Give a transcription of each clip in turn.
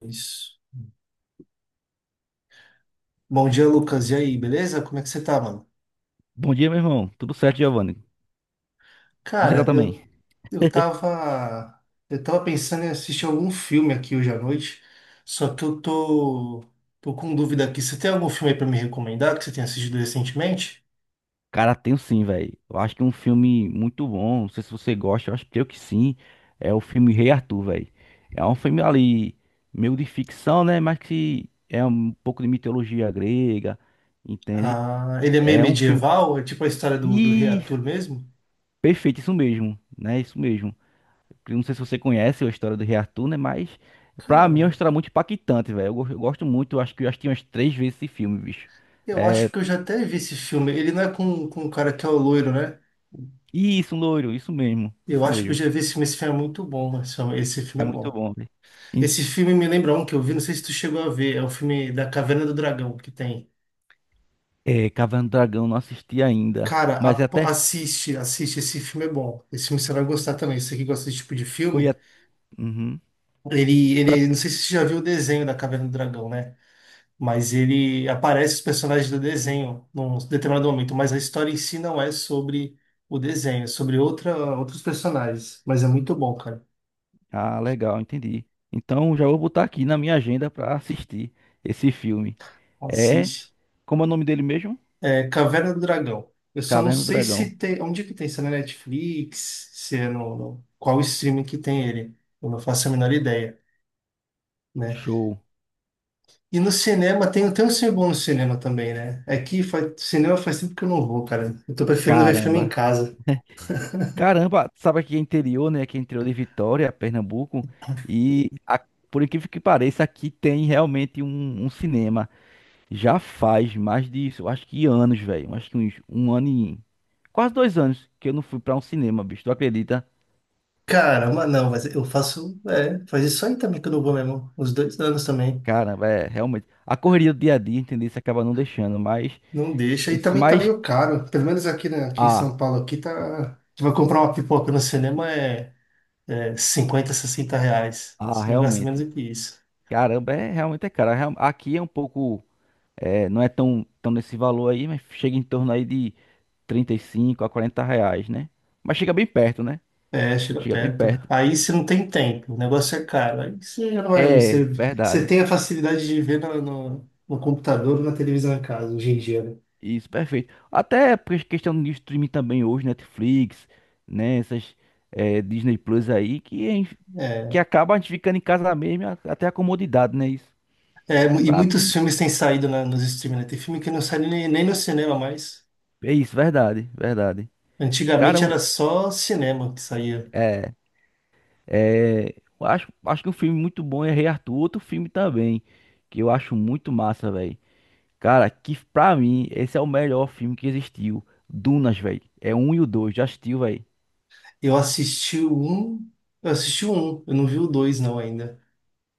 Isso. Bom dia, Lucas. E aí, beleza? Como é que você tá, mano? Bom dia, meu irmão. Tudo certo, Giovanni? Como você tá Cara, também? eu tava, eu tava pensando em assistir algum filme aqui hoje à noite, só que tô com dúvida aqui. Você tem algum filme aí pra me recomendar que você tenha assistido recentemente? Cara, tenho sim, velho. Eu acho que é um filme muito bom. Não sei se você gosta, eu acho que eu que sim. É o filme Rei Arthur, velho. É um filme ali, meio de ficção, né? Mas que é um pouco de mitologia grega, entende? Ah, ele é meio É um filme. medieval, é tipo a história do Rei E Arthur mesmo? perfeito, isso mesmo, né? Isso mesmo. Eu Não sei se você conhece a história do Rei Arthur, né? Mas pra mim é uma Cara, história muito impactante, velho. Eu gosto muito, eu acho que eu assisti umas 3 vezes esse filme, bicho. eu acho que eu já até vi esse filme. Ele não é com o cara que é o loiro, né? Isso, um loiro, isso mesmo, Eu isso acho que eu mesmo. já vi esse filme. Esse filme é muito bom, mano. Esse filme esse É filme é muito bom. bom, velho. Em- Esse filme me lembra um que eu vi, não sei se tu chegou a ver, é o filme da Caverna do Dragão que tem. É, Caverna do Dragão não assisti ainda, Cara, mas até assiste, assiste, esse filme é bom. Esse filme você vai gostar também. Você que gosta desse tipo de foi filme, a... uhum, foi a- não sei se você já viu o desenho da Caverna do Dragão, né? Mas ele aparece os personagens do desenho num determinado momento, mas a história em si não é sobre o desenho, é sobre outros personagens. Mas é muito bom, cara. ah, legal, entendi. Então já vou botar aqui na minha agenda pra assistir esse filme. É, Assiste. como é o nome dele mesmo? É Caverna do Dragão. Eu só não Caverna do sei Dragão. se tem. Onde que tem? Se é na Netflix? Se é qual streaming que tem ele? Eu não faço a menor ideia, né? Show. E no cinema, tem um filme bom no cinema também, né? É que faz, cinema faz tempo que eu não vou, cara. Eu tô preferindo ver filme Caramba. em casa. Caramba, sabe aqui é interior, né? Aqui é interior de Vitória, Pernambuco, e a- por incrível que pareça, aqui tem realmente um cinema. Já faz mais disso, eu acho que anos, velho. Eu Acho que uns um ano e. Quase 2 anos que eu não fui pra um cinema, bicho. Tu acredita? Caramba, não, mas eu faço. É, faz isso aí também que eu não vou mesmo. Uns dois anos também. Cara, é realmente. A correria do dia a dia, entendeu? Você acaba não deixando, mas. Não deixa. Eu E sou também tá mais. meio caro. Pelo menos aqui, né, aqui em Ah, São Paulo, aqui tá. Tu vai comprar uma pipoca no cinema, 50, 60 reais. ah, Você não gasta menos realmente. do que isso. Caramba, é realmente é cara. Aqui é um pouco. É, não é tão, tão nesse valor aí, mas chega em torno aí de 35 a 40 reais, né? Mas chega bem perto, né? É, Chega bem chiropeca. perto. Aí você não tem tempo, o negócio é caro. Aí você já não vai, não É, sei. Você verdade. tem a facilidade de ver no computador ou na televisão em casa, hoje em dia, Isso, perfeito. Até por questão de streaming também hoje, Netflix, né? Essas Disney Plus aí, que né? acaba a gente ficando em casa mesmo, até a comodidade, né? Isso. E Pra muitos mim, filmes têm saído nos streaming, né? Tem filme que não sai nem no cinema mais. é isso, verdade, verdade. Cara, Antigamente eu- era só cinema que saía. eh, eu acho, acho que um filme muito bom é Rei Arthur, outro filme também, que eu acho muito massa, velho. Cara, que pra mim, esse é o melhor filme que existiu. Dunas, velho. É um e o dois, já assistiu, velho. Eu assisti o um, eu assisti o eu não vi o dois não ainda.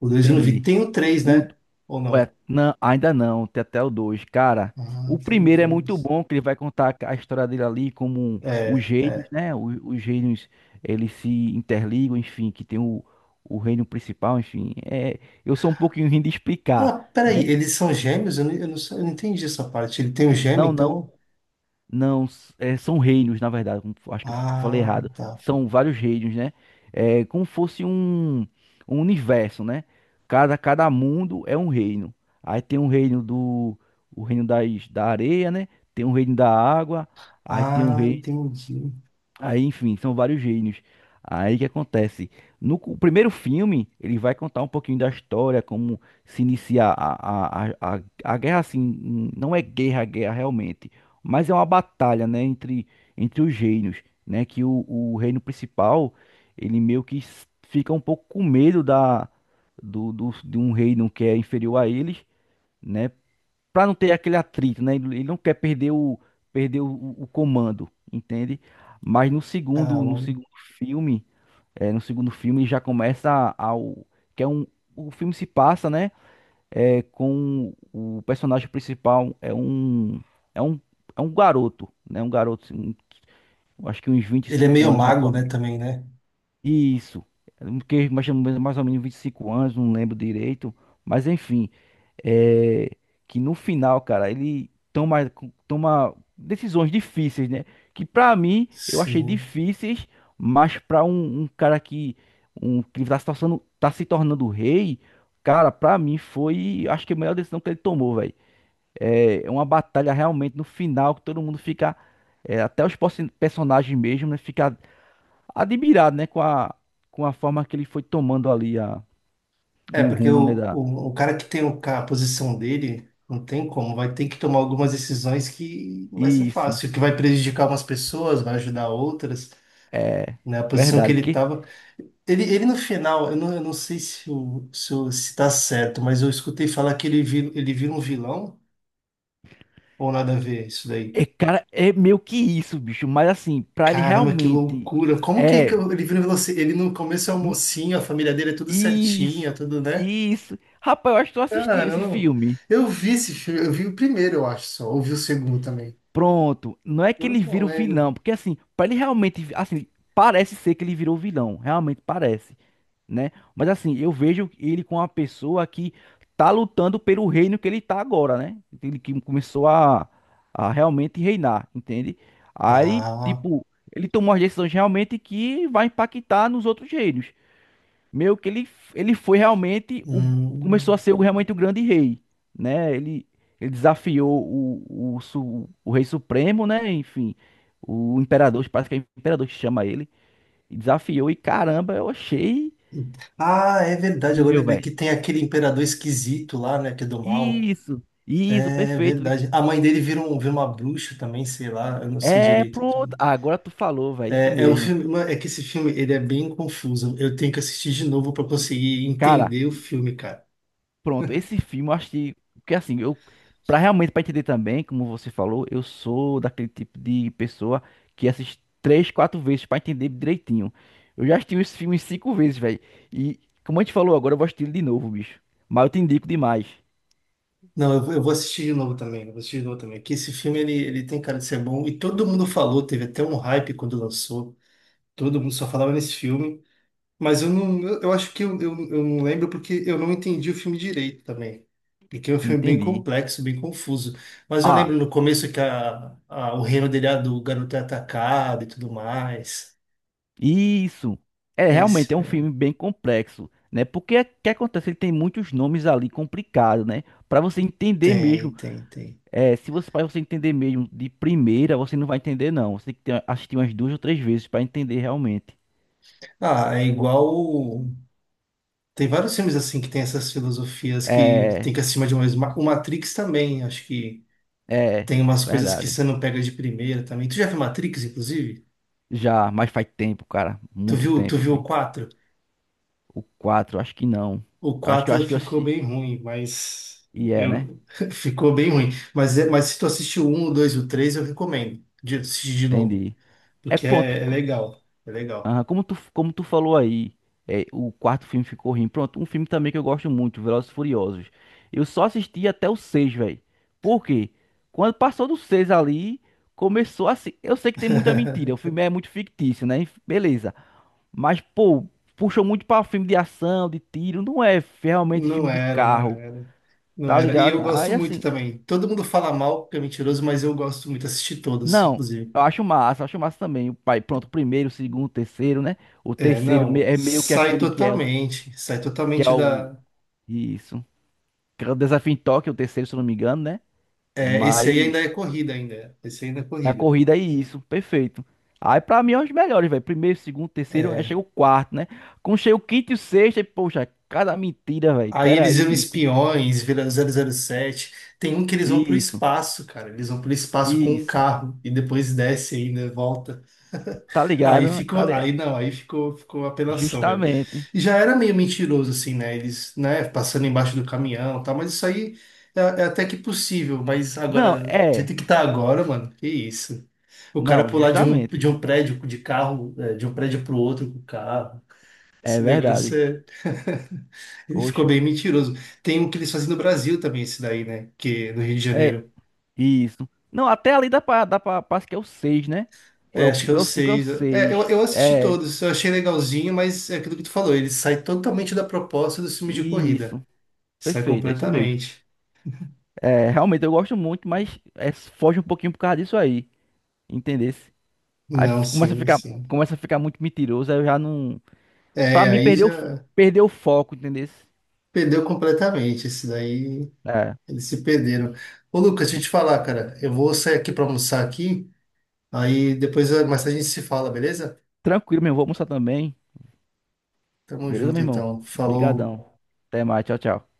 O dois eu não vi. Entendi. Tem o três, né? Ou Ué, não? não, ainda não, tem até o dois. Cara, Ah, o tem o primeiro é muito dois. bom, que ele vai contar a história dele ali, como os É, gênios, é. né? Os gênios, eles se interligam, enfim, que tem o reino principal, enfim. É, eu sou um pouquinho ruim de explicar, Ah, peraí, né? eles são gêmeos? Eu não entendi essa parte. Ele tem um gêmeo, Não, não. então. É, são reinos, na verdade. Acho que eu falei Ah, errado. tá. São vários reinos, né? É como fosse um universo, né? Cada mundo é um reino. Aí tem um reino o reino da areia, né? Tem um reino da água. Aí tem um Ah, reino. entendi. Aí, enfim, são vários gênios. Aí o que acontece? No primeiro filme, ele vai contar um pouquinho da história, como se inicia a guerra, assim, não é guerra, é guerra realmente, mas é uma batalha, né, entre os gênios, né, que o reino principal, ele meio que fica um pouco com medo de um reino que é inferior a eles, né, para não ter aquele atrito, né? Ele não quer perder o comando, entende? Mas no segundo, no Caramba. segundo filme, é, no segundo filme ele já começa ao que é um o filme se passa, né? É, com o personagem principal é um é um garoto, né? Um garoto, assim, acho que uns vinte e Ele é cinco meio anos mais ou mago, né, também, né? isso, porque mais ou menos 25 anos, não lembro direito, mas enfim, é, que no final, cara, toma decisões difíceis, né? Que pra mim eu achei Sim. difíceis, mas pra um cara que, que tá se tornando rei, cara, pra mim foi, acho que a melhor decisão que ele tomou, velho. É é uma batalha realmente no final que todo mundo fica, é, até os personagens mesmo, né? Fica admirado, né, com com a forma que ele foi tomando ali a, É, o porque rumo, né, da... o cara que tem a posição dele, não tem como, vai ter que tomar algumas decisões que não vai ser Isso, fácil, que vai prejudicar umas pessoas, vai ajudar outras, né? A posição que verdade, ele porque estava. Ele no final, eu não sei se tá certo, mas eu escutei falar que ele vira um vilão ou nada a ver isso daí. é, cara, é meio que isso, bicho, mas assim, pra ele Caramba, que realmente loucura! Como que é ele vira um vilão? Se ele no começo é um n- mocinho, a família dele é tudo certinha, isso, tudo, né? isso. Rapaz, eu acho que eu assisti esse Caramba, filme. eu vi esse filme, eu vi o primeiro, eu acho só, ou vi o segundo também. Pronto, não é que Agora ele eu não vira o lembro. vilão, porque assim, pra ele realmente, assim, parece ser que ele virou o vilão, realmente parece. Né? Mas assim, eu vejo ele com uma pessoa que tá lutando pelo reino que ele tá agora, né? Ele que começou a realmente reinar, entende? Aí, Ah, tipo, ele tomou as decisões realmente que vai impactar nos outros reinos. Meio que ele foi realmente começou a hum. ser realmente o grande rei, né? Ele desafiou o rei supremo, né? Enfim, o imperador, parece que é o imperador que chama ele, e desafiou e caramba, eu achei Ah, é verdade, agora eu incrível, lembrei velho. que tem aquele imperador esquisito lá, né, que é do mal. Isso, isso, É perfeito. Isso. verdade. A mãe dele vira uma bruxa também, sei lá, eu não sei É, direito. pronto. Ah, agora tu falou, velho, isso É, é um mesmo. filme, mano, é que esse filme ele é bem confuso. Eu tenho que assistir de novo para conseguir Cara, entender o filme, cara. pronto, esse filme eu achei que assim, eu para realmente para entender também, como você falou, eu sou daquele tipo de pessoa que assiste 3, 4 vezes para entender direitinho. Eu já assisti esse filme 5 vezes, velho. E como a gente falou agora, eu vou assistir ele de novo, bicho. Mas eu te indico demais. Não, eu vou assistir de novo também. Eu vou assistir de novo também. Que esse filme ele tem cara de ser bom e todo mundo falou, teve até um hype quando lançou. Todo mundo só falava nesse filme. Mas eu não, eu acho que eu não lembro porque eu não entendi o filme direito também. Porque é um filme bem Entendi. complexo, bem confuso. Mas eu Ah. lembro no começo que o reino dele, é do garoto, é atacado e tudo mais. Isso. É, É realmente é esse, um é. filme bem complexo, né? Porque o que acontece? Ele tem muitos nomes ali complicados, né? Para você entender Tem, mesmo, tem, tem. é, se você para você entender mesmo de primeira, você não vai entender não. Você tem que assistir umas 2 ou 3 vezes para entender realmente. Ah, é igual. Tem vários filmes assim que tem essas filosofias que É, tem que acima de uma mesma. O Matrix também, acho que é, tem umas coisas que verdade. você não pega de primeira também. Tu já viu Matrix, inclusive? Já, mas faz tempo, cara, muito Tu tempo, viu o vi. 4? O 4 acho que não. O Eu acho que eu 4 acho que eu ficou assisti bem ruim, mas e é, né? eu ficou bem ruim. Mas, mas se tu assistiu o 1, o 2 e o 3, eu recomendo de assistir de novo, Entendi. É porque pronto. é, é legal, é legal. Aham, como tu falou aí, é, o quarto filme ficou ruim. Pronto, um filme também que eu gosto muito, Velozes e Furiosos. Eu só assisti até o seis, velho. Por quê? Quando passou do 6 ali, começou assim. Eu sei que tem muita mentira, o filme é muito fictício, né? Beleza. Mas, pô, puxou muito pra filme de ação, de tiro. Não é realmente filme Não de era, não carro, era, não tá era. E ligado? eu gosto Aí muito assim, também. Todo mundo fala mal porque é mentiroso, mas eu gosto muito, assisti todos, não. inclusive. Eu acho massa também. O pai, pronto, o primeiro, o segundo, o terceiro, né? É, não, É meio que aquele que é sai que é totalmente o, da. isso. Que era o desafio em Tóquio, o terceiro, se eu não me engano, né? É, esse aí Mas ainda é corrida ainda, esse aí ainda é a corrida. corrida é isso, perfeito. Aí pra mim é os melhores, velho. Primeiro, segundo, terceiro, aí chega o quarto, né? Quando chega o quinto e o sexto, e, poxa, cada mentira, velho. Aí Pera eles viram aí. espiões, viram zero zero sete. Tem um que eles vão pro Isso, espaço, cara. Eles vão pro espaço com o isso. carro e depois desce ainda, volta. Tá Aí ligado? Tá ficou, li... aí não, aí ficou, ficou apelação mesmo. Justamente. E já era meio mentiroso assim, né? Eles, né, passando embaixo do caminhão, e tal, mas isso aí é, é até que possível, mas Não, agora, do é. jeito que tá agora, mano, que isso. O cara Não, pular de justamente. um prédio de carro, é, de um prédio pro outro com o carro. É Esse verdade. negócio ele ficou Oxe, bem mentiroso. Tem um que eles fazem no Brasil também, esse daí, né? Que é no Rio de é Janeiro. isso. Não, até ali dá pra, parece que é o seis, né? É, acho que é o Ou é o cinco, ou é o seis. É, seis. eu assisti É, todos, eu achei legalzinho, mas é aquilo que tu falou, ele sai totalmente da proposta do filme de corrida. isso. Sai Perfeito, é isso mesmo. completamente. É, realmente eu gosto muito, mas é, foge um pouquinho por causa disso aí, entendesse? Aí Não, f- começa a sim, ficar, sim. começa a ficar muito mentiroso, aí eu já não, pra É, mim aí perdeu, já perdeu o foco, entendesse? perdeu completamente. Esse daí, eles se perderam. Ô, Lucas, deixa eu te falar, cara. Eu vou sair aqui pra almoçar aqui, aí depois mais tarde a gente se fala, beleza? Tranquilo, meu irmão, vou almoçar também. Tamo Beleza, meu junto, irmão? então. Falou. Obrigadão. Até mais, tchau, tchau.